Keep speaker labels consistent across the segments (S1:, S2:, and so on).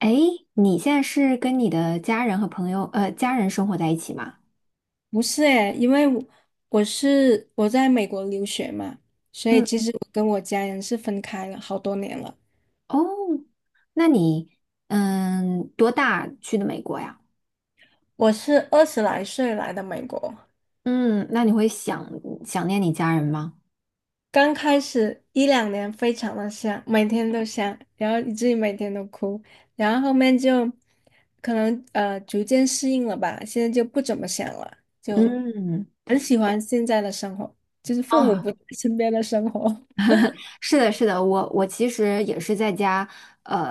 S1: 哎，你现在是跟你的家人和朋友，家人生活在一起吗？
S2: 不是诶，因为我在美国留学嘛，所以
S1: 嗯
S2: 其实我跟我家人是分开了好多年了。
S1: 哦，那你，多大去的美国呀？
S2: 我是二十来岁来的美国，
S1: 嗯，那你会想念你家人吗？
S2: 刚开始一两年非常的想，每天都想，然后以至于每天都哭，然后后面就可能逐渐适应了吧，现在就不怎么想了，就
S1: 嗯，
S2: 很喜欢现在的生活，就是父母
S1: 哦，
S2: 不在身边的生活。
S1: 是的，是的，我其实也是在家，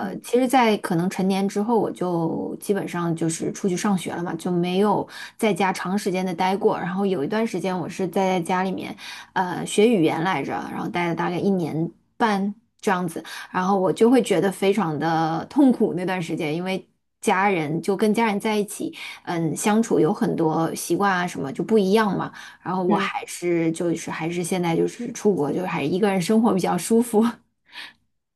S2: 嗯
S1: 其实，在可能成年之后，我就基本上就是出去上学了嘛，就没有在家长时间的待过。然后有一段时间，我是在家里面，学语言来着，然后待了大概一年半这样子。然后我就会觉得非常的痛苦那段时间，因为家人就跟家人在一起，相处有很多习惯啊什么就不一样嘛。然后我
S2: 嗯。
S1: 还是就是还是现在就是出国，就是还是一个人生活比较舒服。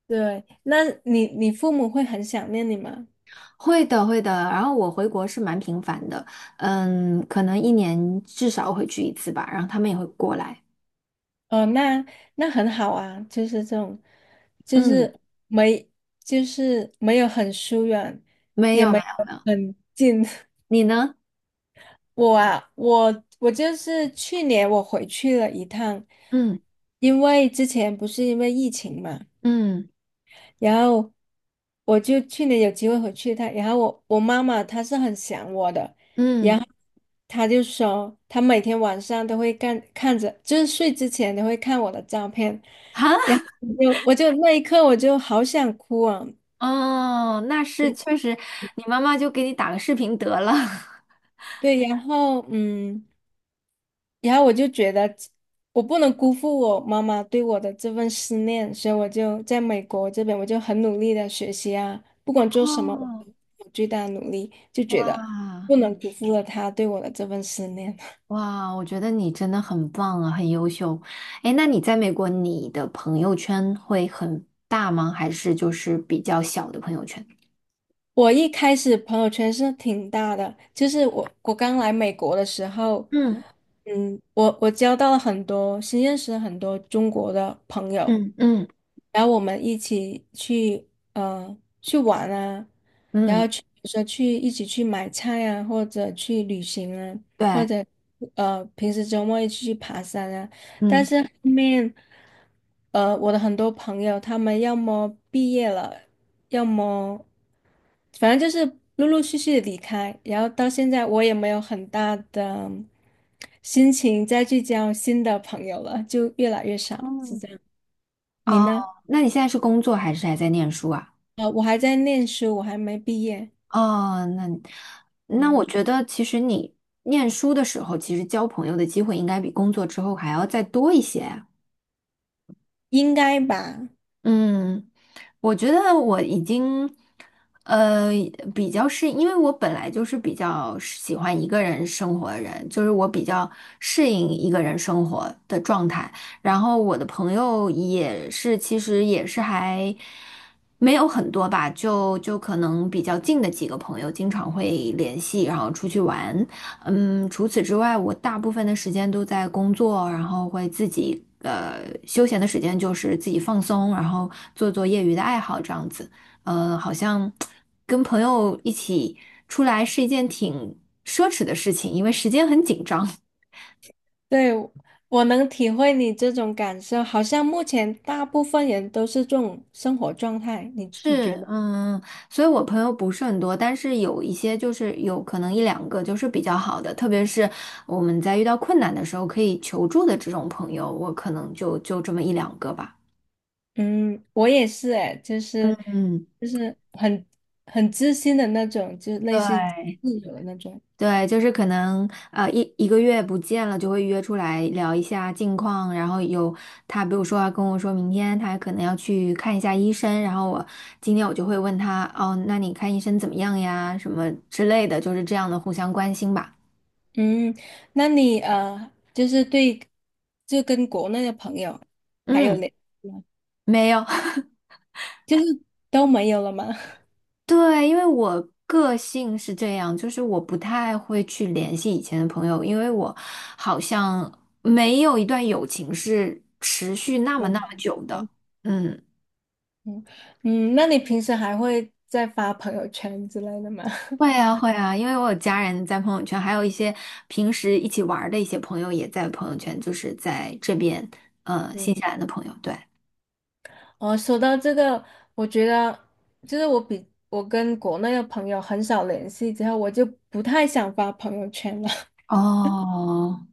S2: 对，那你父母会很想念你吗？
S1: 会的，会的。然后我回国是蛮频繁的，可能一年至少会去一次吧。然后他们也会过来。
S2: 哦，那那很好啊，就是这种，就
S1: 嗯，
S2: 是没，就是没有很疏远，
S1: 没
S2: 也
S1: 有没
S2: 没
S1: 有，
S2: 有很近。
S1: 你呢？
S2: 我啊，我就是去年我回去了一趟，
S1: 嗯
S2: 因为之前不是因为疫情嘛。
S1: 嗯
S2: 然后我就去年有机会回去一趟，然后我妈妈她是很想我的，然
S1: 嗯，
S2: 后她就说她每天晚上都会看着，就是睡之前都会看我的照片，
S1: 啊，
S2: 然后我就我就那一刻我就好想哭啊，
S1: 哦，那是确实，你妈妈就给你打个视频得了。
S2: 对，然后嗯。然后我就觉得我不能辜负我妈妈对我的这份思念，所以我就在美国这边，我就很努力的学习啊，不管做什么，
S1: 哦。
S2: 我最大的努力，就觉得
S1: 啊。
S2: 不能辜负了她对我的这份思念。
S1: 哇，我觉得你真的很棒啊，很优秀。哎，那你在美国，你的朋友圈会很大吗？还是就是比较小的朋友圈？
S2: 我一开始朋友圈是挺大的，就是我刚来美国的时候，
S1: 嗯
S2: 嗯，我交到了很多，新认识了很多中国的朋友，
S1: 嗯嗯
S2: 然后我们一起去呃去玩啊，然
S1: 嗯，
S2: 后去比如说去一起去买菜啊，或者去旅行啊，或
S1: 对，
S2: 者平时周末一起去爬山啊，但
S1: 嗯
S2: 是后面我的很多朋友他们要么毕业了。要么反正就是陆陆续续的离开，然后到现在我也没有很大的心情再去交新的朋友了，就越来越少，是这
S1: 嗯。
S2: 样。你
S1: 哦，
S2: 呢？
S1: 那你现在是工作还是还在念书啊？
S2: 呃，我还在念书，我还没毕业，
S1: 哦，那那
S2: 嗯，
S1: 我觉得其实你念书的时候，其实交朋友的机会应该比工作之后还要再多一些。
S2: 应该吧？
S1: 嗯，我觉得我已经，呃，比较适，因为我本来就是比较喜欢一个人生活的人，就是我比较适应一个人生活的状态。然后我的朋友也是，其实也是还没有很多吧，就可能比较近的几个朋友经常会联系，然后出去玩。嗯，除此之外，我大部分的时间都在工作，然后会自己休闲的时间就是自己放松，然后做做业余的爱好这样子。好像跟朋友一起出来是一件挺奢侈的事情，因为时间很紧张。
S2: 对，我能体会你这种感受，好像目前大部分人都是这种生活状态，你
S1: 是，
S2: 觉得？
S1: 嗯，所以我朋友不是很多，但是有一些就是有可能一两个就是比较好的，特别是我们在遇到困难的时候可以求助的这种朋友，我可能就这么一两个吧。
S2: 嗯，我也是哎，就是
S1: 嗯。
S2: 就是很很知心的那种，就类似于自
S1: 对，
S2: 由的那种。
S1: 对，就是可能一个月不见了，就会约出来聊一下近况。然后有他，比如说要跟我说明天他可能要去看一下医生，然后我今天我就会问他，哦，那你看医生怎么样呀？什么之类的，就是这样的互相关心吧。
S2: 嗯，那你，就是对，就跟国内的朋友还有
S1: 嗯，
S2: 联系吗？
S1: 没有。
S2: 就是都没有了吗？
S1: 对，因为我个性是这样，就是我不太会去联系以前的朋友，因为我好像没有一段友情是持续那 么
S2: 嗯，
S1: 那
S2: 好
S1: 么久
S2: 的。
S1: 的。
S2: 嗯
S1: 嗯。
S2: 嗯，那你平时还会再发朋友圈之类的吗？
S1: 会啊，会啊，因为我有家人在朋友圈，还有一些平时一起玩儿的一些朋友也在朋友圈，就是在这边，
S2: 嗯，
S1: 新西兰的朋友，对。
S2: 哦，说到这个，我觉得就是我比我跟国内的朋友很少联系之后，我就不太想发朋友圈了。
S1: 哦，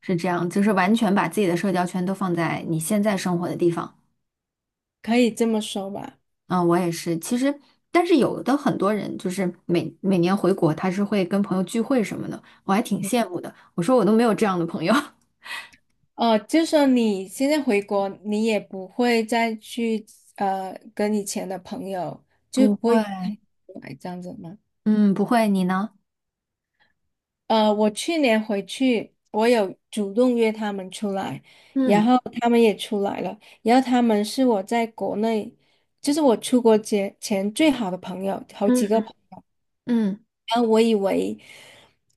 S1: 是这样，就是完全把自己的社交圈都放在你现在生活的地方。
S2: 可以这么说吧。
S1: 嗯，我也是。其实，但是有的很多人就是每年回国，他是会跟朋友聚会什么的，我还挺羡慕的。我说我都没有这样的朋友。
S2: 哦，就是说你现在回国，你也不会再去跟以前的朋友，就
S1: 不
S2: 不
S1: 会，
S2: 会来这样子吗？
S1: 嗯，不会，你呢？
S2: 呃，我去年回去，我有主动约他们出来，然
S1: 嗯
S2: 后他们也出来了，然后他们是我在国内，就是我出国前最好的朋友，好几个
S1: 嗯
S2: 朋友。
S1: 嗯
S2: 然后我以为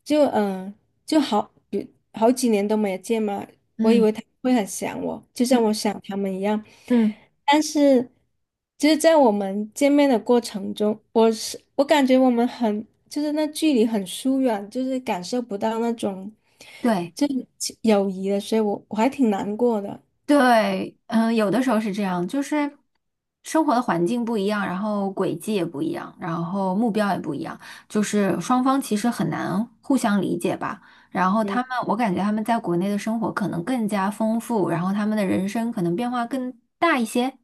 S2: 就嗯、呃就好，比好几年都没有见嘛，我以
S1: 嗯嗯
S2: 为他会很想我，就
S1: 嗯
S2: 像我想他们一样。
S1: 嗯，
S2: 但是，就是在我们见面的过程中，我感觉我们很就是那距离很疏远，就是感受不到那种
S1: 对。
S2: 就是亲友谊的，所以我还挺难过的。
S1: 对，嗯，有的时候是这样，就是生活的环境不一样，然后轨迹也不一样，然后目标也不一样，就是双方其实很难互相理解吧。然后他
S2: 嗯，
S1: 们，我感觉他们在国内的生活可能更加丰富，然后他们的人生可能变化更大一些，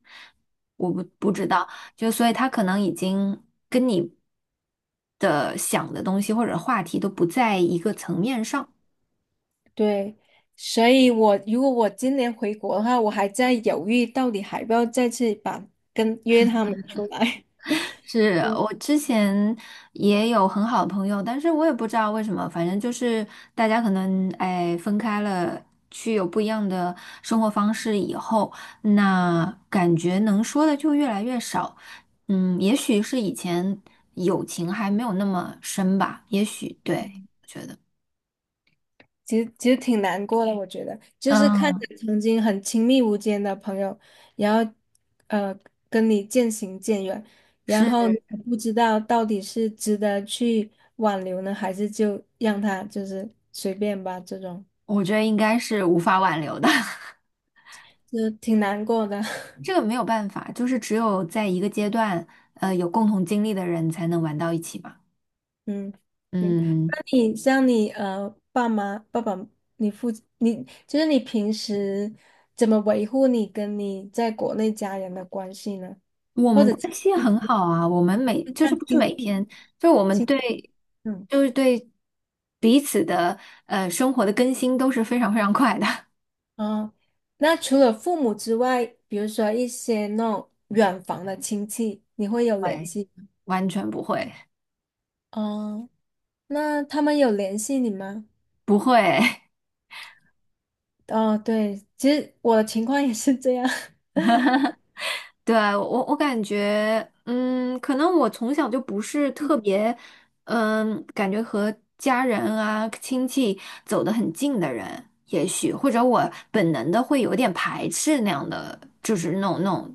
S1: 我不知道，就所以他可能已经跟你的想的东西或者话题都不在一个层面上。
S2: 对，所以我如果我今年回国的话，我还在犹豫到底还要不要再次跟约他们出来。
S1: 是我之前也有很好的朋友，但是我也不知道为什么，反正就是大家可能哎分开了，去有不一样的生活方式以后，那感觉能说的就越来越少。嗯，也许是以前友情还没有那么深吧，也许对，我觉得，
S2: 其实挺难过的，我觉得，就是看
S1: 嗯，
S2: 着曾经很亲密无间的朋友，然后呃跟你渐行渐远，然
S1: 是，
S2: 后你也不知道到底是值得去挽留呢，还是就让他就是随便吧，这种
S1: 我觉得应该是无法挽留的，
S2: 就挺难过的。
S1: 这个没有办法，就是只有在一个阶段，有共同经历的人才能玩到一起嘛。
S2: 嗯，行，
S1: 嗯，
S2: 那你像你爸爸，你父你就是你平时怎么维护你跟你在国内家人的关系呢？
S1: 我
S2: 或
S1: 们
S2: 者亲
S1: 关系
S2: 戚之
S1: 很
S2: 类？
S1: 好啊，我们每
S2: 就
S1: 就是
S2: 像
S1: 不是
S2: 亲
S1: 每
S2: 戚。
S1: 天，就是我们
S2: 亲，历，
S1: 对，
S2: 嗯，
S1: 就是对彼此的生活的更新都是非常非常快的。
S2: 啊，那除了父母之外，比如说一些那种远房的亲戚，你会 有联
S1: 喂，
S2: 系吗？
S1: 完全不会，
S2: 哦，那他们有联系你吗？
S1: 不会。
S2: 哦，对，其实我的情况也是这样。
S1: 对，我感觉，嗯，可能我从小就不是特别，感觉和家人啊、亲戚走得很近的人，也许或者我本能的会有点排斥那样的，就是那种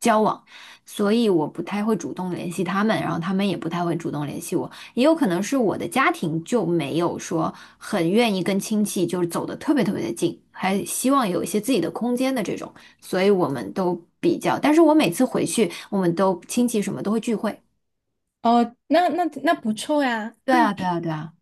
S1: 交往，所以我不太会主动联系他们，然后他们也不太会主动联系我，也有可能是我的家庭就没有说很愿意跟亲戚就是走得特别特别的近，还希望有一些自己的空间的这种。所以我们都比较。但是我每次回去，我们都亲戚什么都会聚会。
S2: 哦，那那那不错呀。
S1: 对啊，对啊，对啊。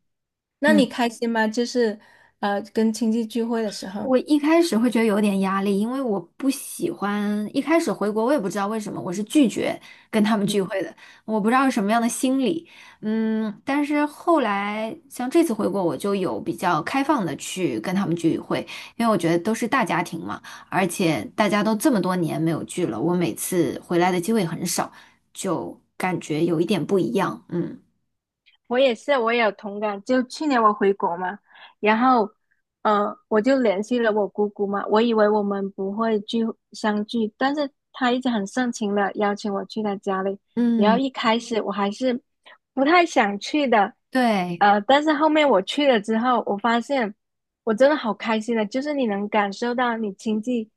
S2: 那你
S1: 嗯。
S2: 开心吗？就是呃，跟亲戚聚会的时候。
S1: 我一开始会觉得有点压力，因为我不喜欢一开始回国，我也不知道为什么，我是拒绝跟他们聚会的，我不知道是什么样的心理，嗯，但是后来像这次回国，我就有比较开放的去跟他们聚会，因为我觉得都是大家庭嘛，而且大家都这么多年没有聚了，我每次回来的机会很少，就感觉有一点不一样，嗯
S2: 我也是，我也有同感。就去年我回国嘛，然后，嗯，我就联系了我姑姑嘛。我以为我们不会聚相聚，但是她一直很盛情的邀请我去她家里。然后
S1: 嗯，
S2: 一开始我还是不太想去的，
S1: 对，
S2: 呃，但是后面我去了之后，我发现我真的好开心的，就是你能感受到你亲戚，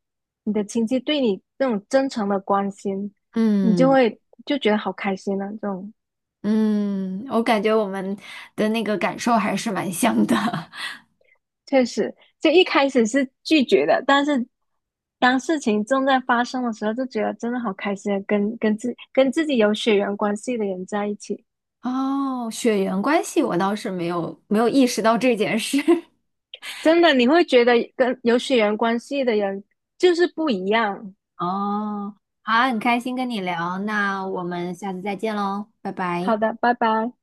S2: 你的亲戚对你那种真诚的关心，你就
S1: 嗯。
S2: 会就觉得好开心啊，这种。
S1: 嗯，我感觉我们的那个感受还是蛮像的。
S2: 确实，就一开始是拒绝的，但是当事情正在发生的时候，就觉得真的好开心啊，跟自己有血缘关系的人在一起，
S1: 哦，血缘关系我倒是没有意识到这件事。
S2: 真的你会觉得跟有血缘关系的人就是不一样。
S1: 哦，好，很开心跟你聊，那我们下次再见喽，拜
S2: 好
S1: 拜。
S2: 的，拜拜。